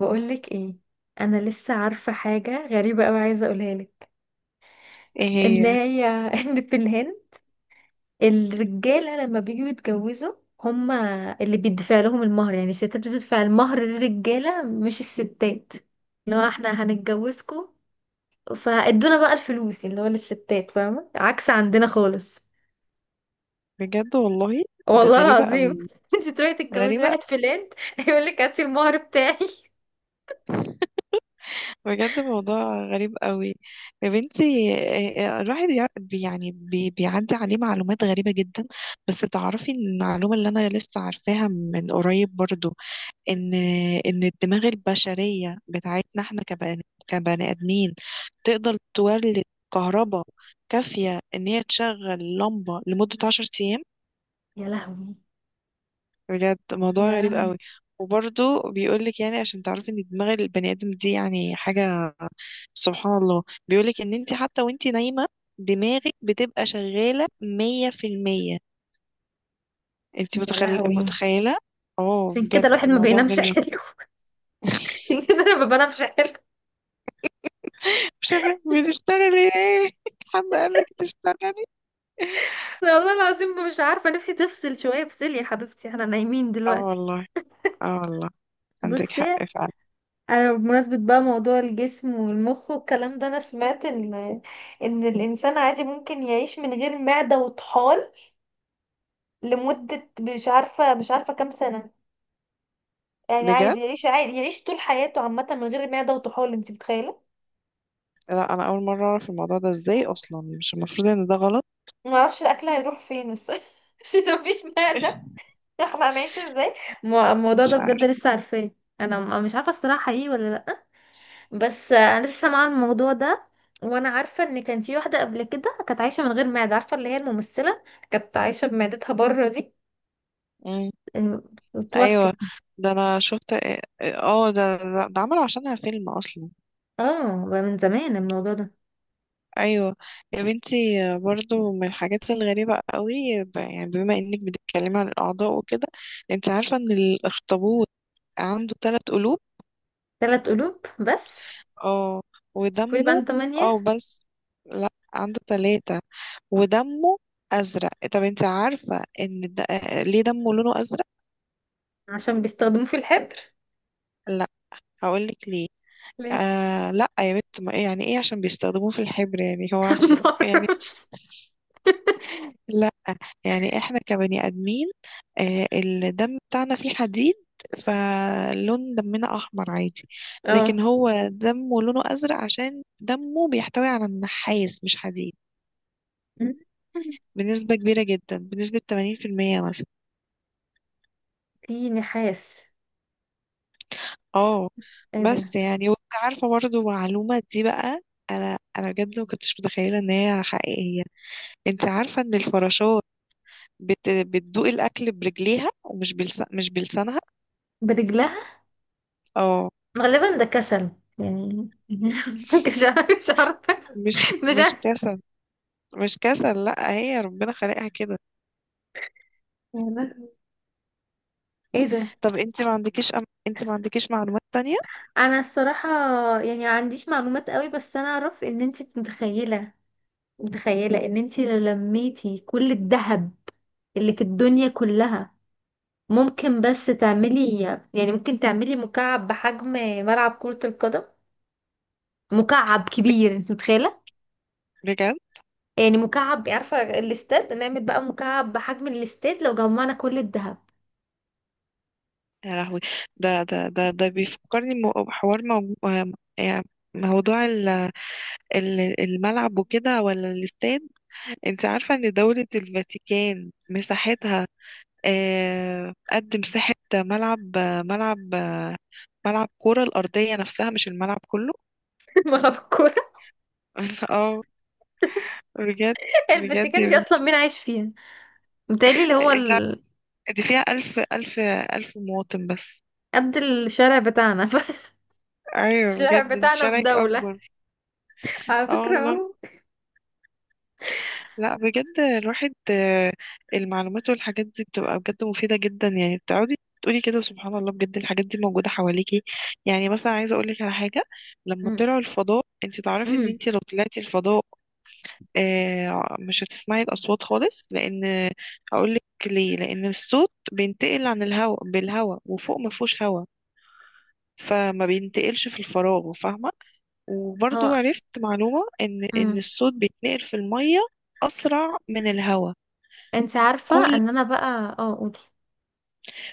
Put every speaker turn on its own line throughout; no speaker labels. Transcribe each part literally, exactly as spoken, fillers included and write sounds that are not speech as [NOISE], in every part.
بقولك ايه؟ انا لسه عارفه حاجه غريبه قوي عايزه اقولها لك.
ايه
ان
هي؟
هي [LAUGHS] ان في الهند الرجاله لما بيجوا يتجوزوا، هما اللي بيدفع لهم المهر، يعني الستات بتدفع المهر للرجاله مش الستات، اللي هو احنا هنتجوزكم فادونا بقى الفلوس اللي هو للستات، فاهمه؟ عكس عندنا خالص.
بجد والله؟ ده
والله
غريبة
العظيم.
قوي.
[LAUGHS] انت تروحي تتجوزي
غريبة.
واحد في الهند [LAUGHS] يقول لك هاتي المهر بتاعي.
بجد موضوع غريب قوي. يا بنتي. إيه- إيه، الواحد يع- بي- يعني بي بيعدي عليه معلومات غريبة جدا. بس تعرفي إن المعلومة اللي انا لسه عارفاها من قريب برضو، ان ان الدماغ البشرية بتاعتنا احنا كبني كبني ادمين تقدر تولد كهرباء كافية ان هي تشغل لمبة لمدة عشر ايام.
يا لهوي.
بجد موضوع غريب
يا
قوي. وبرضه بيقولك يعني عشان تعرفي ان دماغ البني ادم دي يعني حاجة. سبحان الله. بيقولك ان انت حتى وانت نايمة دماغك بتبقى شغالة مية في المية. انت
يا
متخل...
لهوي.
متخيلة. اه
عشان كده
بجد
الواحد ما
موضوع
بينامش [LAUGHS]
غريب أوي.
حلو. عشان كده انا ما بنامش حلو.
شغال، بتشتغلي ايه؟ [LAUGHS] حد قالك تشتغلي؟
والله العظيم مش عارفه نفسي تفصل شويه، افصلي يا حبيبتي احنا نايمين
اه
دلوقتي.
والله. اه والله. عندك
بصي،
حق، فعلا.
انا بمناسبه بقى موضوع الجسم والمخ والكلام ده، انا سمعت ان ان الانسان عادي ممكن يعيش من غير معده وطحال لمده مش عارفه مش عارفه كام سنه. يعني
بجد؟
عادي يعيش، عادي يعيش طول حياته عامه من غير معده وطحال، انت متخيله؟
لا انا اول مرة اعرف الموضوع ده. ازاي اصلا؟ مش المفروض ان ده غلط؟
ما اعرفش الاكل هيروح فين بس [LAUGHS] عشان مفيش معده.
[LAUGHS]
[LAUGHS] يخمق ماشي ازاي. مو- الموضوع
مش
ده بجد
عارف.
لسه عارفاه. انا م- مش عارفه الصراحه حقيقي ولا لا، بس انا لسه سامعه الموضوع ده. وانا عارفه ان كان في واحده قبل كده كانت عايشه من غير معده، عارفه اللي هي الممثله، كانت عايشه بمعدتها بره دي، توفت.
ايوه ده انا شفت. اه ده ده ده عملوا عشانها فيلم اصلا.
اه بقى من زمان الموضوع ده.
ايوه. يا بنتي، برضو من الحاجات الغريبة قوي، ب- يعني بما انك بتتكلمي عن الاعضاء وكده، انت عارفة ان الاخطبوط عنده ثلاث قلوب.
ثلاث قلوب بس؟
اه.
شوفي بقى
ودمه.
انتوا
اه
تمانية.
بس. لا، عنده ثلاثة. ودمه ازرق. طب انت عارفة ان د... آه، ليه دمه لونه ازرق؟
عشان بيستخدموه في الحبر.
لا، هقولك ليه.
ليه؟
آه لا يا بنت، ما إيه يعني ايه عشان بيستخدموه في الحبر، يعني هو
[LAUGHS]
عشان [LAUGHS] يعني؟
معرفش.
لا، يعني احنا كبني ادمين آه، الدم بتاعنا فيه حديد، فلون دمنا احمر عادي.
اه
لكن هو دمه لونه ازرق عشان دمه بيحتوي على النحاس مش حديد، بنسبة كبيرة جدا، بنسبة ثمانين في المية مثلا.
في نحاس؟
اه
ايه ده؟
بس يعني، وانت عارفة برضه معلومة دي بقى، انا انا بجد ما كنتش متخيلة ان هي حقيقية. انت عارفة ان الفراشات بت... بتدوق الاكل برجليها ومش بلس... مش بلسانها.
برجلها؟
اه.
غالبا ده كسل، يعني. [LAUGHS] مش عارفة، مش عارفة.
مش
مش
مش
عارفة.
كاسة. مش كسل، لا، هي ربنا خلقها كده.
يا لهوي. ايه ده؟
طب انت ما عندكيش أم... انت ما عندكيش معلومات تانية؟
انا الصراحة يعني ما عنديش معلومات قوي، بس انا اعرف ان انت متخيلة، متخيلة ان انت لو لميتي كل الذهب اللي في الدنيا كلها، ممكن بس تعملي، يعني ممكن تعملي مكعب بحجم ملعب كرة القدم، مكعب كبير انت متخيلة؟
بجد.
يعني مكعب، عارفة الاستاد، نعمل بقى مكعب بحجم الاستاد لو جمعنا كل الذهب.
يا لهوي. ده ده ده ده بيفكرني م- بحوار موجو... آه، يعني موضوع ال- ال- الملعب وكده، ولا الاستاد. انت عارفة ان دولة الفاتيكان مساحتها آه، قد مساحة ملعب، آه، ملعب، آه، ملعب كرة الأرضية نفسها مش الملعب كله.
[LAUGHS] ملعب الكورة.
[LAUGHS] اه. بجد. بجد
الفاتيكان
يا
دي اصلا
بنتي.
مين عايش فيها؟ متهيألي اللي هو
انت عارفة،
ال...
دي فيها ألف ألف ألف مواطن بس.
قد الشارع بتاعنا. [LAUGHS]
ايوه
الشارع
بجد، انت
بتاعنا في
شارعك
دولة
اكبر.
على
اه
فكرة،
والله.
اهو.
لا بجد، الواحد آه، المعلومات والحاجات دي بتبقى بجد مفيده جدا. يعني بتقعدي تقولي كده سبحان الله بجد، الحاجات دي موجوده حواليكي. يعني مثلا عايزه اقول لك على حاجه، لما
أمم.
طلعوا الفضاء، انت تعرفي ان
أمم.
انت لو طلعتي الفضاء آه، مش هتسمعي الاصوات خالص. لان هقول لك ليه، لان الصوت بينتقل عن الهواء بالهواء، وفوق ما فيهوش هواء، فما بينتقلش في الفراغ، فاهمه؟ وبرضو
اه.
عرفت معلومة إن إن
أمم.
الصوت بيتنقل في المية أسرع من الهواء.
انت عارفة
كل
ان انا بقى، اه قولي.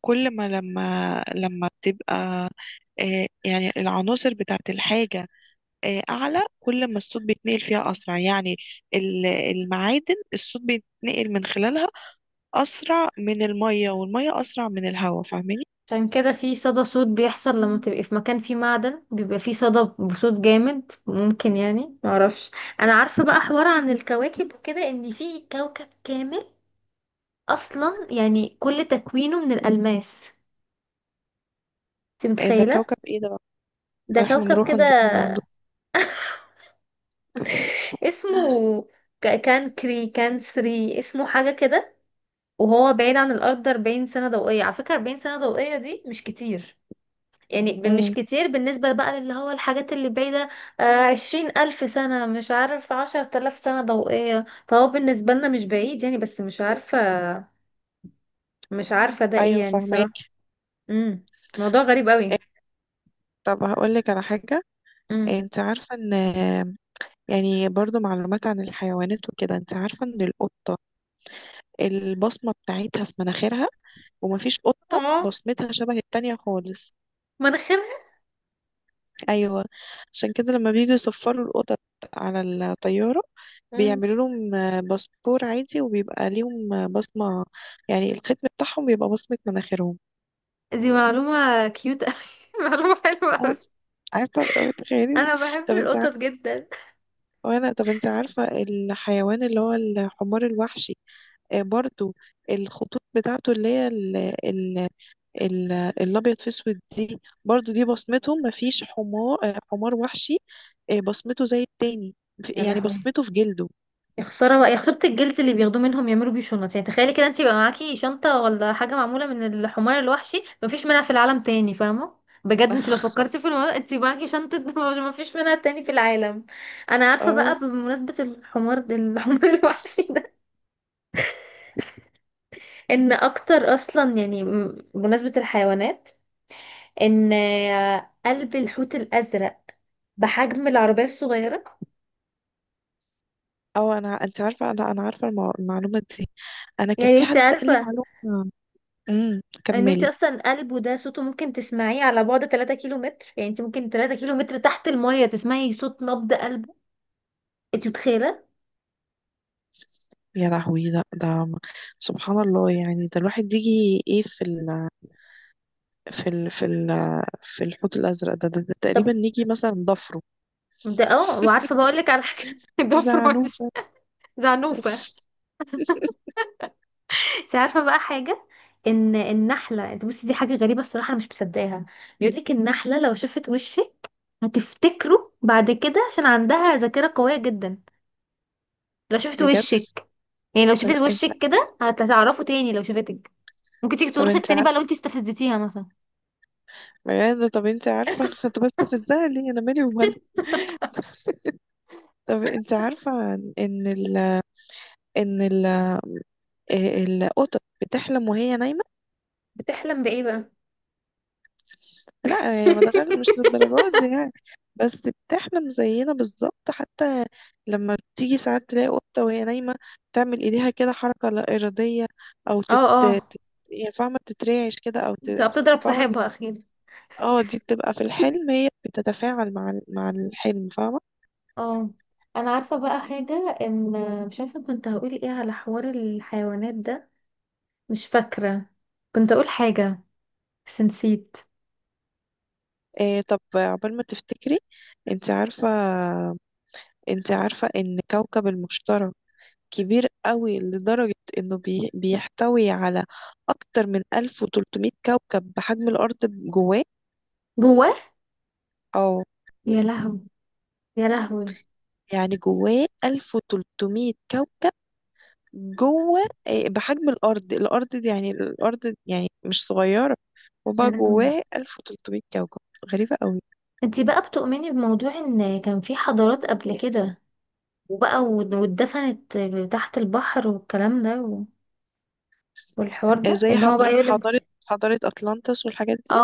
كل ما لما لما بتبقى آه، يعني العناصر بتاعت الحاجة آه، أعلى، كل ما الصوت بيتنقل فيها أسرع. يعني ال- المعادن الصوت بيتنقل من خلالها أسرع من المية، والمية أسرع من الهواء، فاهماني؟
عشان كده في صدى صوت بيحصل لما تبقي في مكان فيه معدن، بيبقى فيه صدى بصوت جامد ممكن، يعني معرفش. انا عارفة بقى حوار عن الكواكب وكده، ان في كوكب كامل اصلا يعني كل تكوينه من الالماس، انت
آه، ده
متخيلة؟
كوكب إيه ده بقى؟
ده
إحنا
كوكب
نروح
كده.
ونجيب من عنده.
[LAUGHS] اسمه ك- كان كري كان سري، اسمه حاجة كده. وهو بعيد عن الأرض أربعين سنة ضوئية، على فكرة أربعين سنة ضوئية دي مش كتير، يعني ب- مش
مم.
كتير بالنسبة بقى اللي هو الحاجات اللي بعيدة. آه، عشرين ألف سنة مش عارف عشرة آلاف سنة ضوئية، فهو بالنسبة لنا مش بعيد يعني، بس مش عارفة، مش عارفة ده ايه
أيوة
يعني
فاهمة.
الصراحة. امم. موضوع غريب قوي.
طب هقول لك على حاجة.
امم.
آه، انت عارفة ان، يعني برضو معلومات عن الحيوانات وكده، انت عارفة ان القطة البصمة بتاعتها في مناخيرها، ومفيش قطة
اه.
بصمتها شبه التانية خالص.
مناخيرها.
ايوه. عشان كده لما بييجوا يصفروا القطط على الطيارة
امم.
بيعملوا لهم آه، باسبور عادي، وبيبقى ليهم آه، بصمة. يعني الختم بتاعهم بيبقى بصمة مناخيرهم.
دي معلومة كيوت قوي. [LAUGHS] معلومة حلوة
عارف-
قوي.
عارفة الأول، تخيلي.
انا بحب
طب انت عارفة،
القطط جدا.
وانا طب انت عارفة الحيوان اللي هو الحمار الوحشي آه، برضو الخطوط بتاعته اللي هي ال- الابيض في اسود دي، برضو دي بصمته. مفيش حمار آه، حمار وحشي آه، بصمته زي التاني. في-
يا
يعني
لهوي،
بصمته في جلده.
يا خساره بقى، يا خساره الجلد اللي بياخدوه منهم يعملوا بيه شنط، يعني تخيلي كده انت يبقى معاكي شنطه ولا حاجه معموله من الحمار الوحشي مفيش منها في العالم تاني، فاهمه؟ بجد انت لو
[LAUGHS]
فكرتي في الموضوع انت معاكي شنطه [LAUGHS] مفيش منها تاني في العالم. انا عارفه
اه.
بقى بمناسبه الحمار ده، الحمار [LAUGHS] الوحشي ده، ان اكتر اصلا يعني م- بمناسبه الحيوانات، ان قلب الحوت الازرق بحجم العربيه الصغيره.
اه انا انت عارفه، انا انا عارفه المع- المعلومه دي. انا كان
يعني
في
انت
حد قال لي
عارفه
معلومه. امم،
ان انت
كملي.
اصلا قلبه ده صوته ممكن تسمعيه على بعد ثلاثة كيلو متر، يعني انت ممكن تلاتة كيلو متر تحت المية تسمعي صوت نبض قلبه، انت متخيله؟
يا لهوي. ده ده سبحان الله. يعني ده الواحد يجي ايه في ال في ال في ال في الحوت الازرق ده, ده, ده,
طب
تقريبا نيجي مثلا ضفره،
ده، اه، وعارفه بقول لك على حاجه. [LAUGHS] ده فرويد.
زعنوفه.
زعنوفه. انت عارفه بقى حاجه، ان النحله، انت بصي دي حاجه غريبه الصراحه انا مش مصدقاها، بيقول لك النحله لو شافت وشك هتفتكره بعد كده، عشان عندها ذاكره قويه جدا، لو شافت
بجد.
وشك، يعني لو
طب
شافت
انت.
وشك كده هتعرفه تاني لو شافتك، ممكن تيجي
طب
تورثك
انت
تاني بقى
عارفه.
لو انت استفزتيها مثلا.
يا ده طب انت عارفة [LAUGHS] انا كنت بستفزها ليه؟ انا مالي ومالها؟ طب انت عارفة ان ال ان ال ال- القطط بتحلم وهي نايمة.
بتحلم بايه بقى؟
لا يعني، ما دخل
[LAUGHS]
مش للدرجات دي يعني. بس بتحلم زينا بالظبط، حتى لما بتيجي ساعات تلاقي قطة وهي نايمة تعمل ايديها كده حركة لا إرادية، او تت
اه. اه،
تت- يعني فاهمة تترعش كده او ت...
بتبقى بتضرب
فاهمة
صاحبها
تت-
اكيد.
اه، دي بتبقى في الحلم، هي بتتفاعل مع ال- مع الحلم، فاهمة؟
اه، انا عارفه بقى حاجه، ان، مش عارفه كنت هقول ايه على حوار الحيوانات ده، مش فاكره كنت اقول حاجه بس نسيت.
إيه طب عقبال ما تفتكري. انت عارفة، انت عارفة ان كوكب المشتري كبير قوي لدرجة انه بي... بيحتوي على اكتر من ألف وثلاثمائة كوكب بحجم الارض جواه.
جواه.
او
يا لهوي. يا لهوي.
يعني جواه ألف وثلاثمية كوكب جوه إيه، بحجم الارض. الارض دي يعني الارض يعني مش صغيرة،
يا
وبقى
لهوي.
جواه ألف وثلاثمية كوكب. غريبة قوي.
انتي بقى بتؤمني بموضوع ان كان في حضارات قبل كده وبقى و- واتدفنت تحت البحر والكلام ده، و- والحوار
إيه
ده
زي
ان هو بقى
حضر... حضارة،
يقولك.
حضارة أطلانتس والحاجات.
اه.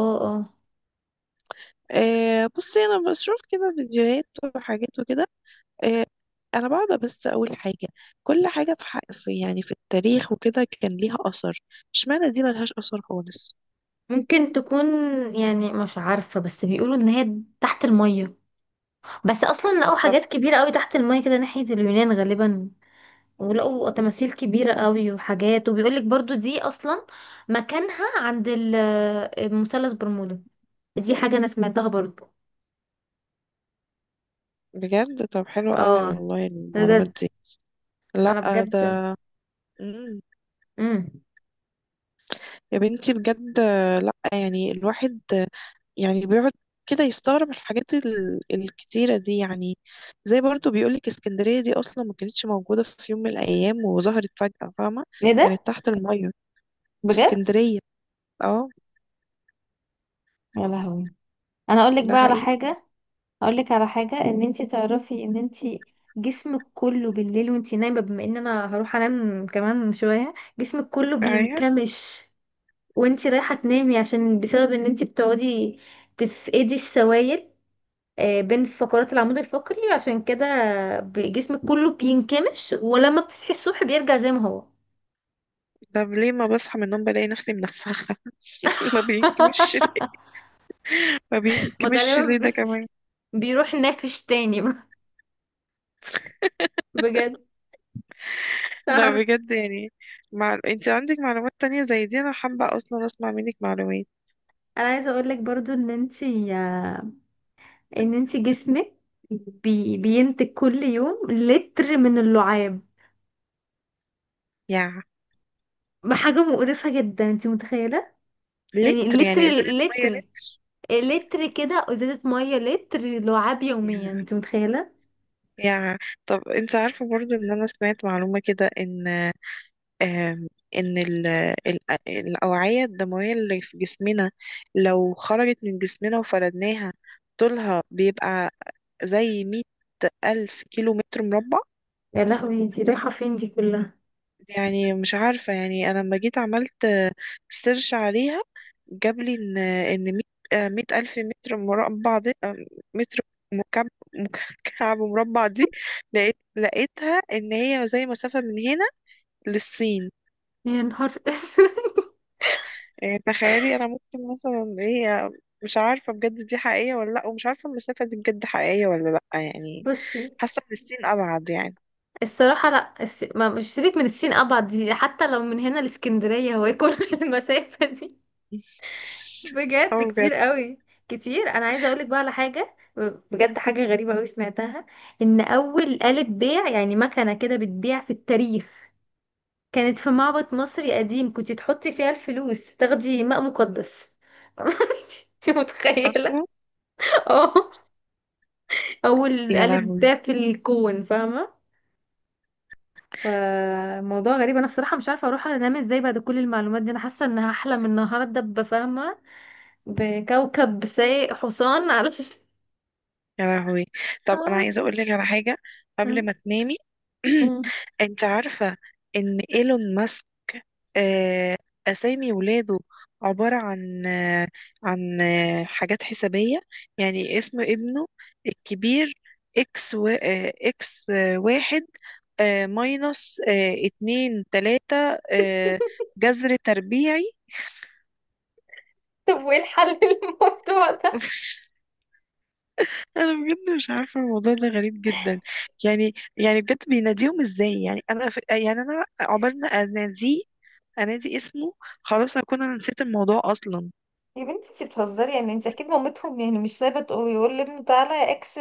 اه. اه.
آه بصي، انا بشوف كده فيديوهات وحاجات وكده آه. انا بقعد بس اقول حاجه، كل حاجه في، حق في يعني في التاريخ وكده كان ليها اثر، اشمعنى دي ملهاش اثر خالص؟
ممكن تكون، يعني مش عارفة، بس بيقولوا ان هي تحت المية، بس اصلا لقوا
طب.
حاجات كبيرة قوي تحت المية كده ناحية اليونان غالبا، ولقوا تماثيل كبيرة قوي وحاجات، وبيقولك برضو دي اصلا مكانها عند ال- المثلث برمودا، دي حاجة انا سمعتها برضو.
بجد؟ طب حلو قوي
اه.
والله المعلومات
بجد.
دي.
انا
لا.
بجد.
ده. مم.
امم.
يا بنتي بجد. لا يعني الواحد يعني بيقعد كده يستغرب الحاجات ال- الكتيرة دي يعني. زي برضو بيقولك اسكندرية دي أصلا ما كانتش موجودة في يوم من الأيام وظهرت فجأة، فاهمة؟
ايه ده؟
كانت تحت المية،
بجد.
اسكندرية. اه.
يا لهوي. انا اقول لك
ده
بقى على
حقيقي.
حاجة. هقول لك على حاجه، ان انت تعرفي ان انت جسمك كله بالليل وانت نايمه، بما ان انا هروح انام كمان شويه، جسمك كله
ايوه.
بينكمش وانت رايحه تنامي، عشان بسبب ان انت بتقعدي تفقدي السوائل آه، بين فقرات العمود الفقري، عشان كده ب- جسمك كله بينكمش، ولما بتصحي الصبح بيرجع زي ما هو.
طب ليه ما بصحى من النوم بلاقي نفسي منفخه؟ [LAUGHS] ما بينكمش.
[LAUGHS]
ما
ما
بينكمش ليه
غالبا
ده
ب-
كمان؟
بيروح نافش تاني. [LAUGHS] بجد.
لا
عارف.
بجد يعني، مع... انت عندك معلومات تانية زي دي، انا حابه اصلا اسمع منك معلومات.
انا عايزه اقول لك برضو ان انتي، ان انت جسمك بي بينتج كل يوم لتر من اللعاب،
يا.
حاجة مقرفة جدا انت متخيلة؟ يعني
لتر
لتر،
يعني ازازه ميه لتر؟
لتر، لتر كده، ازازة مية لتر لعاب يوميا،
يا.
انت متخيلة؟
يا. طب انت عارفه برضو ان انا سمعت معلومه كده ان آم، ان ال... ال... الاوعيه الدمويه اللي في جسمنا لو خرجت من جسمنا وفردناها طولها بيبقى زي مية ألف كيلو متر مربع.
يا لهوي، انت رايحة فين دي كلها؟
يعني مش عارفة، يعني أنا لما جيت عملت سيرش عليها جاب لي إن إن مية آه، مية ألف متر مربع دي آه، متر مكعب، مكعب مربع دي. لقيت لقيتها إن هي زي مسافة من هنا للصين.
يا نهار اسود.
يعني تخيلي. أنا ممكن مثلا هي مش عارفة بجد دي حقيقية ولا لأ، ومش عارفة المسافة دي بجد حقيقية ولا لأ
[LAUGHS]
يعني.
بصي
حاسة إن الصين أبعد يعني.
الصراحة، لا الس... ما مش سيبك من الصين، ابعد دي حتى لو من هنا لاسكندرية هو ايه كل [LAUGHS] المسافة دي؟ بجد
اه بجد.
كتير قوي. كتير. انا عايزه اقولك بقى على حاجه، بجد حاجه غريبه قوي سمعتها، ان اول آلة بيع يعني مكنه كده بتبيع في التاريخ كانت في معبد مصري قديم، كنت تحطي فيها الفلوس تاخدي ماء مقدس. [LAUGHS] انت متخيله؟
أصلا.
اه، اول
يا
آلة
لهوي.
بيع في الكون، فاهمه؟ فموضوع غريب، انا بصراحه مش عارفه اروح انام ازاي بعد كل المعلومات دي، انا حاسه ان هحلم النهارده بفاهمه، بكوكب سايق حصان على.
يا لهوي. طب انا
[LAUGHS]
عايزه اقول لك على حاجه قبل
مم.
ما تنامي.
مم.
[CLEARS THROAT] انت عارفه ان ايلون ماسك آه، اسامي ولاده عباره عن آه، عن آه، حاجات حسابيه. يعني اسم ابنه الكبير اكس و... آه، اكس آه، واحد آه، ماينص آه، اتنين تلاته آه، جذر تربيعي.
طب وايه الحل [LAUGHS] للموضوع ده؟
[LAUGHS] انا بجد مش عارفه، الموضوع ده غريب جدا. يعني يعني بجد بيناديهم ازاي يعني؟ انا ف... يعني انا عقبال ما اناديه، انادي اسمه، خلاص هكون انا نسيت الموضوع اصلا.
يا بنتي انت بتهزري، يعني انت اكيد مامتهم يعني مش سايبه تقول، يقول لابنه تعالى يا اكس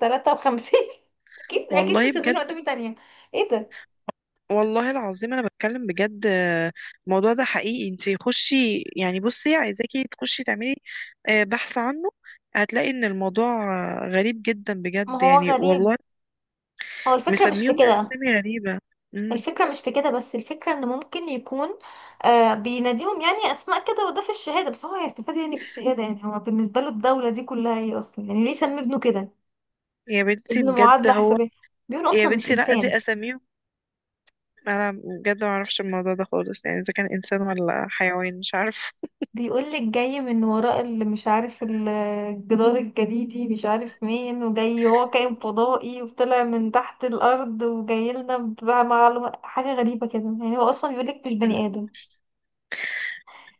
تلاتة وخمسين. [LAUGHS] اكيد اكيد
والله بجد.
مسمينه اسامي تانية. ايه ده؟
والله العظيم انا بتكلم بجد. آه، الموضوع ده حقيقي. انتي خشي، يعني بصي عايزاكي تخشي تعملي آه، بحث عنه، هتلاقي ان الموضوع آه، غريب جدا
ما
بجد
هو
يعني
غريب،
والله.
هو الفكرة مش في
مسميهم
كده.
اسامي غريبة. امم.
الفكرة مش في كده، بس الفكرة ان ممكن يكون، آه بيناديهم يعني اسماء كده، وده في الشهادة، بس هو هيستفاد يعني بالشهادة، يعني هو بالنسبة له الدولة دي كلها ايه اصلا، يعني ليه سمي ابنه كده؟
يا بنتي
ابنه
بجد
معادلة
هو.
حسابية، بيقول
يا
اصلا مش
بنتي لا
انسان.
دي اساميهم. انا بجد ما اعرفش الموضوع ده خالص، يعني اذا كان انسان ولا حيوان مش عارف.
بيقولك جاي من وراء اللي مش عارف ال- الجدار الجليدي، مش عارف مين، وجاي هو كائن فضائي وطلع من تحت الأرض وجاي لنا بقى معلومة، حاجة غريبة كده، يعني هو أصلا بيقولك مش بني آدم.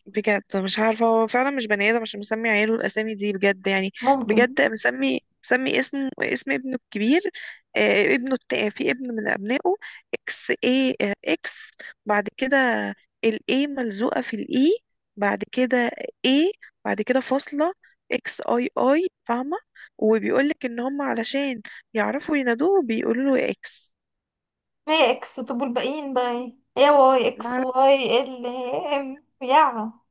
بجد مش عارفه، هو فعلا مش بني ادم عشان مسمي عياله الاسامي دي بجد يعني.
ممكن.
بجد مسمي مسمي اسمه، اسم ابنه الكبير، آه، ابنه التا في ابن من ابنائه، اكس اي، آه اكس بعد كده، الاي ملزوقه في الاي بعد كده، اي بعد كده فاصله، اكس اي اي، فاهمه؟ وبيقولك ان هم علشان يعرفوا ينادوه بيقولوا له اكس.
ما هي إكس، طب والباقيين بقى إيه؟ إيه، واي، إكس، واي، ال، إم.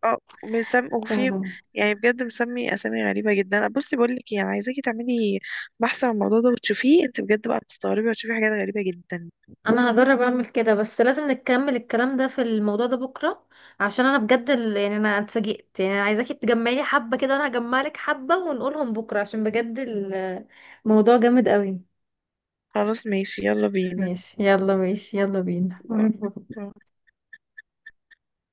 اه. مسم وفي.
يا.
يعني بجد مسمي اسامي غريبه جدا. بصي بقول لك ايه، انا عايزاكي تعملي بحث عن الموضوع ده وتشوفيه انت بجد بقى، تستغربي وتشوفي حاجات غريبه جدا.
انا هجرب اعمل كده، بس لازم نكمل الكلام ده في الموضوع ده بكره، عشان انا بجد ال- يعني انا اتفاجئت، يعني انا عايزاكي تجمعي حبه كده وانا هجمع لك حبه ونقولهم بكره، عشان بجد ال- الموضوع جامد قوي.
خلاص، ماشي، يلا بينا.
ماشي يلا. ماشي يلا بينا. [LAUGHS]